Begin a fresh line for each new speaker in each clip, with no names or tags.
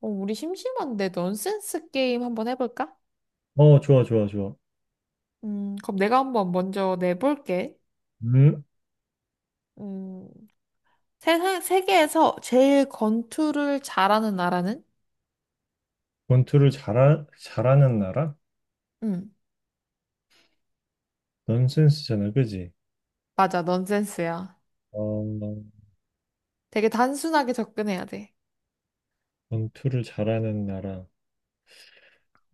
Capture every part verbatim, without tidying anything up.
어, 우리 심심한데 넌센스 게임 한번 해볼까?
어, 좋아, 좋아, 좋아.
음, 그럼 내가 한번 먼저 내볼게.
음,
음, 세상, 세계에서 제일 권투를 잘하는 나라는?
권투를 잘하, 잘하는 나라?
음,
넌센스잖아, 그지?
맞아, 넌센스야.
어,
되게 단순하게 접근해야 돼.
권투를 잘하는 나라.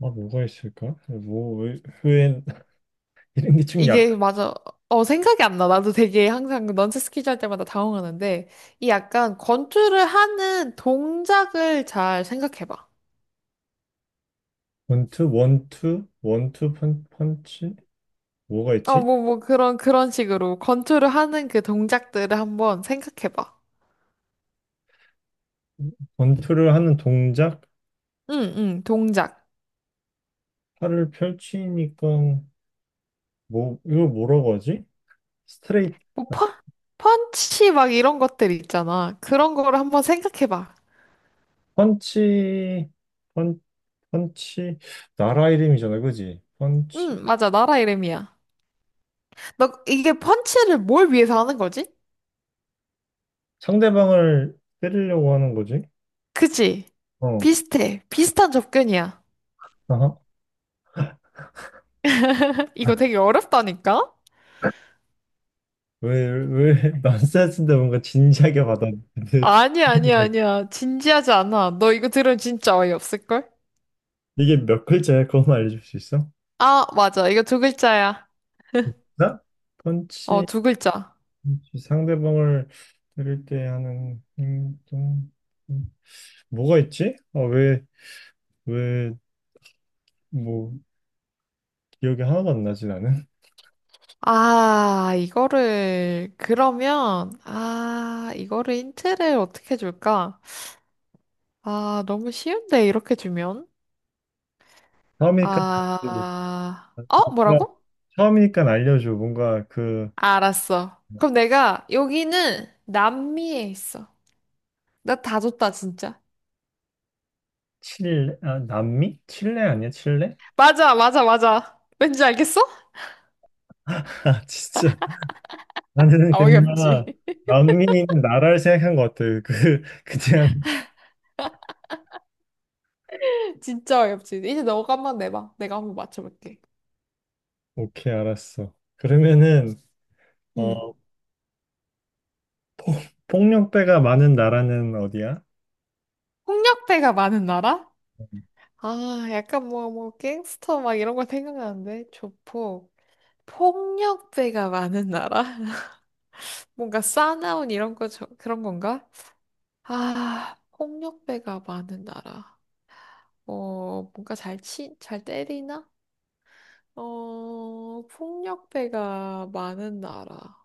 아, 뭐가 있을까? 뭐, 왜, 왜, 이런 게 좀 약간.
이게 맞아. 어, 생각이 안 나. 나도 되게 항상 넌센스 퀴즈 할 때마다 당황하는데, 이 약간 권투를 하는 동작을 잘 생각해봐.
권투, 원투, 원투 펀, 펀치? 뭐가
어,
있지?
뭐, 뭐, 그런, 그런 식으로 권투를 하는 그 동작들을 한번 생각해봐.
권투를 하는 동작?
응, 응, 동작.
팔을 펼치니까, 뭐, 이거 뭐라고 하지? 스트레이트,
뭐, 펀, 펀치 막 이런 것들 있잖아. 그런 거를 한번 생각해봐.
펀치, 펀, 펀치, 나라 이름이잖아, 그지? 펀치.
응, 맞아. 나라 이름이야. 너 이게 펀치를 뭘 위해서 하는 거지?
상대방을 때리려고 하는 거지?
그치?
어.
비슷해. 비슷한 접근이야.
아하.
이거 되게 어렵다니까?
왜, 왜 넌센스인데 뭔가 진지하게 받아들여?
아니야, 아니야, 아니야. 진지하지 않아. 너 이거 들으면 진짜 어이없을걸?
이게 몇 글자야? 그것만 알려줄 수 있어?
아, 맞아. 이거 두 글자야.
나?
어,
펀치,
두 글자.
펀치, 상대방을 때릴 때 하는 행동. 음, 뭐가 있지? 아, 왜, 왜, 뭐, 기억이 하나도 안 나지, 나는?
아, 이거를, 그러면, 아, 이거를 힌트를 어떻게 줄까? 아, 너무 쉬운데, 이렇게 주면?
처음이니까,
아, 어?
그러니까
뭐라고?
처음이니까 알려줘. 뭔가 그,
알았어. 그럼 내가, 여기는 남미에 있어. 나 다 줬다, 진짜.
칠레, 아, 남미? 칠레 아니야, 칠레?
맞아, 맞아, 맞아. 왠지 알겠어?
아, 진짜. 나는
아,
그냥
어이없지.
남미는 나라를 생각한 것 같아. 그 그냥
진짜 어이없지. 이제 너가 한번 내봐. 내가 한번 맞춰볼게.
오케이 알았어. 그러면은
응.
어 폭력배가 많은 나라는 어디야?
폭력배가 많은 나라? 아, 약간 뭐, 뭐, 갱스터 막 이런 거 생각나는데. 조폭. 폭력배가 많은 나라? 뭔가 싸나운 이런 거, 저, 그런 건가? 아, 폭력배가 많은 나라. 어, 뭔가 잘 치, 잘 때리나? 어, 폭력배가 많은 나라.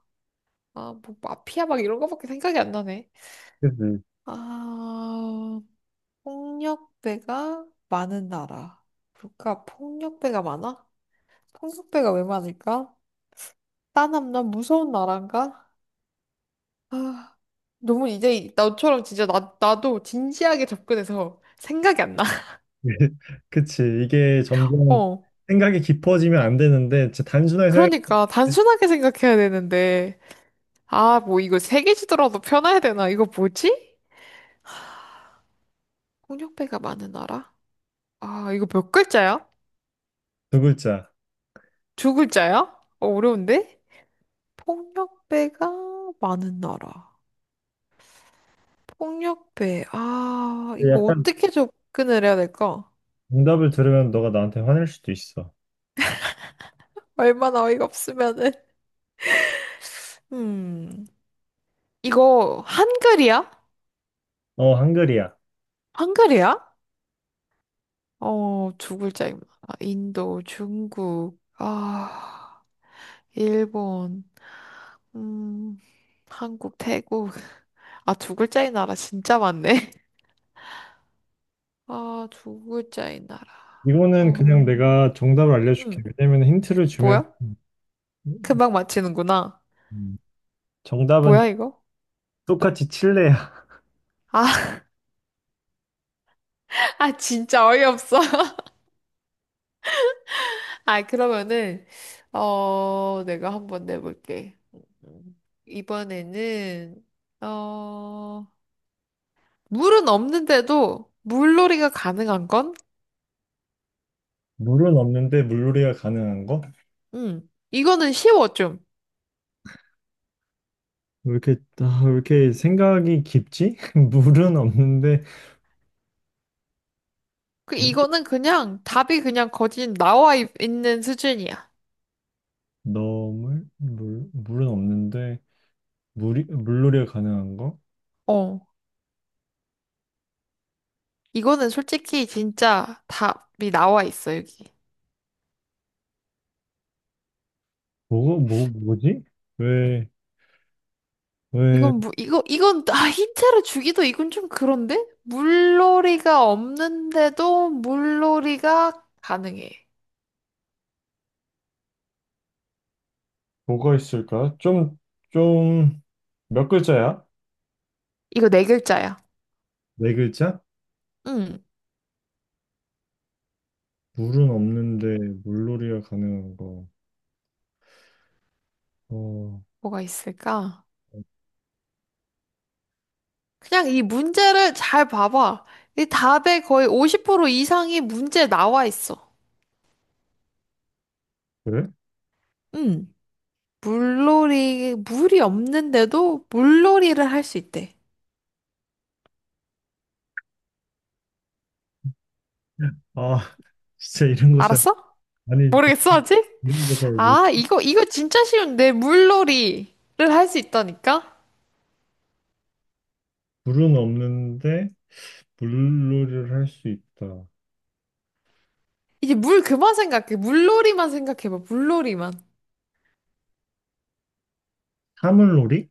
아, 뭐, 마피아 막 이런 거밖에 생각이 안 나네.
그치.
아, 폭력배가 많은 나라. 그러니까 폭력배가 많아? 폭력배가 왜 많을까? 싸남남 무서운 나라인가? 아, 너무 이제 나처럼 진짜 나, 나도 진지하게 접근해서 생각이 안 나.
그치. 이게 점점
어.
생각이 깊어지면 안 되는데 진짜 단순하게 생각해
그러니까 단순하게 생각해야 되는데 아 뭐 이거 세 개 주더라도 편해야 되나 이거 뭐지? 폭력배가 많은 나라? 아 이거 몇 글자야?
두 글자.
두 글자야? 어, 어려운데? 폭력배가 많은 나라 폭력배 아
근데
이거
약간
어떻게 접근을 해야 될까?
정답을 들으면 너가 나한테 화낼 수도 있어.
얼마나 어이가 없으면은 음 이거 한글이야?
어 한글이야.
한글이야? 어 두 글자입니다 아, 인도 중국 아 일본, 음, 한국, 태국. 아, 두 글자인 나라 진짜 많네. 아, 두 글자인 나라.
이거는 그냥
어,
내가 정답을 알려줄게.
음,
왜냐면 힌트를 주면
뭐야?
음, 음.
금방 맞히는구나.
음. 정답은
뭐야, 이거?
똑같이 칠레
아, 아, 진짜 어이없어. 아, 그러면은, 어, 내가 한번 내볼게. 음, 이번에는, 어, 물은 없는데도 물놀이가 가능한 건?
물은 없는데 물놀이가 가능한 거?
음, 이거는 쉬워, 좀.
왜 이렇게, 아, 왜 이렇게 생각이 깊지? 물은 없는데,
그
물,
이거는 그냥 답이 그냥 거진 나와 있- 있는 수준이야.
너물? 물, 물은 없는데, 물이, 물놀이가 가능한 거?
어. 이거는 솔직히 진짜 답이 나와 있어, 여기.
뭐가, 뭐, 뭐지? 왜, 왜,
이건 뭐 이거 이건 아 힌트를 주기도 이건 좀 그런데? 물놀이가 없는데도 물놀이가 가능해.
뭐가 있을까? 좀, 좀, 몇 글자야?
이거 네 글자야.
네 글자?
응.
물은 없는데, 물놀이가 가능한 거. 어,
뭐가 있을까? 그냥 이 문제를 잘 봐봐. 이 답의 거의 오십 퍼센트 이상이 문제에 나와 있어.
그래?
응. 물놀이, 물이 없는데도 물놀이를 할 수 있대.
아, 진짜 이런 거 잘,
알았어?
아니,
모르겠어, 아직?
이런 거 잘, 모르-
아, 이거, 이거 진짜 쉬운데. 물놀이를 할 수 있다니까?
물은 없는데, 물놀이를 할 수 있다.
이제 물 그만 생각해. 물놀이만 생각해봐. 물놀이만.
사물놀이?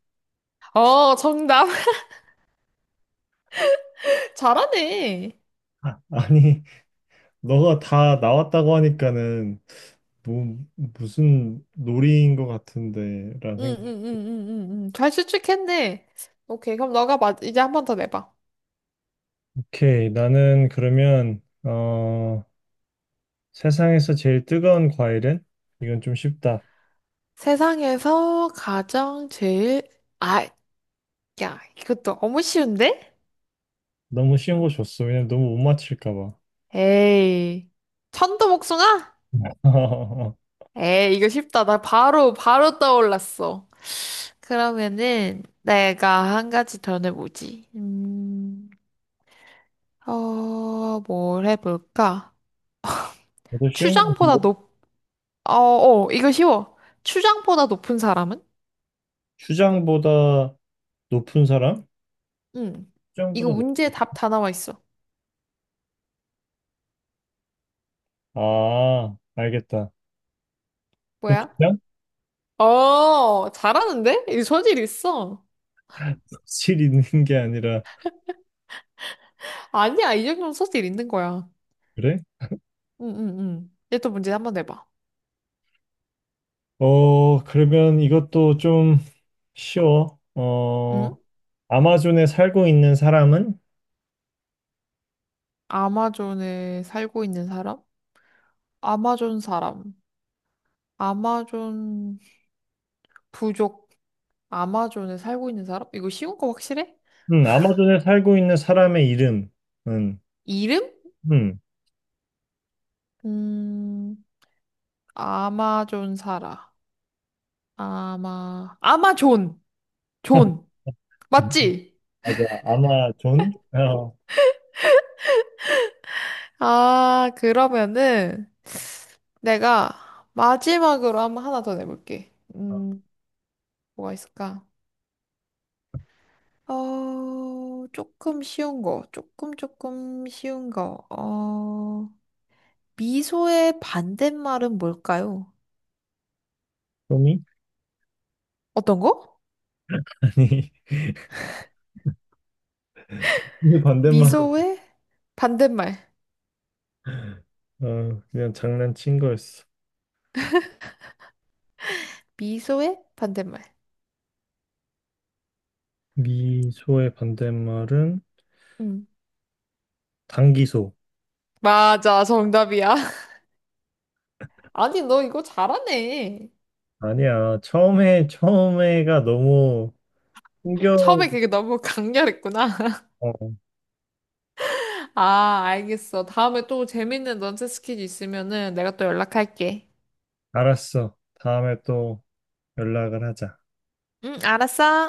어, 정답. 잘하네.
아니, 너가 다 나왔다고 하니까는 뭐, 무슨 놀이인 것 같은데, 라는
응, 응,
생각.
응, 응, 응, 응. 잘 추측했네. 오케이. 그럼 너가 마, 이제 한 번 더 내봐.
오케이, 나는 그러면 어, 세상에서 제일 뜨거운 과일은? 이건 좀 쉽다.
세상에서 가장 제일, 아, 야, 이것도 너무 쉬운데?
너무 쉬운 거 줬어. 왜냐면 너무 못 맞힐까 봐.
에이. 천도복숭아? 에이, 이거 쉽다. 나 바로, 바로 떠올랐어. 그러면은, 내가 한 가지 더 내보지. 음, 어, 뭘 해볼까?
나도 쉬운 거
추장보다
뭐?
높, 어, 어, 이거 쉬워. 추장보다 높은 사람은?
추장보다 높은 사람?
응.
추장보다
이거
높...
문제 답 다 나와 있어.
아, 알겠다.
뭐야?
고추장?
어, 잘하는데? 이 소질 있어.
실 있는 게 아니라
아니야, 이 정도면 소질 있는 거야.
그래?
응, 응, 응. 얘 또 문제 한번 내봐.
어, 그러면 이것도 좀 쉬워. 어,
응?
아마존에 살고 있는 사람은?
아마존에 살고 있는 사람? 아마존 사람. 아마존 부족, 아마존에 살고 있는 사람? 이거 쉬운 거 확실해?
음, 아마존에 살고 있는 사람의 이름은?
이름?
음,
음, 아마존 살아. 아마, 아마존! 존! 맞지?
맞아. 아마존? 어,
아, 그러면은 내가 마지막으로 한번 하나 더 내볼게. 음, 뭐가 있을까? 어, 조금 쉬운 거, 조금 조금 쉬운 거. 어, 미소의 반대말은 뭘까요?
소미?
어떤 거?
아니, 반대말.
미소의 반대말.
어, 그냥 장난친 거였어.
미소의 반대말.
미소의 반대말은
음.
단기소.
맞아, 정답이야. 아니, 너 이거 잘하네.
아니야. 처음에, 처음에가 너무 충격.
처음에 그게 너무 강렬했구나.
어,
아, 알겠어. 다음에 또 재밌는 넌센스 퀴즈 있으면은 내가 또 연락할게.
알았어. 다음에 또 연락을 하자.
응, 알았어.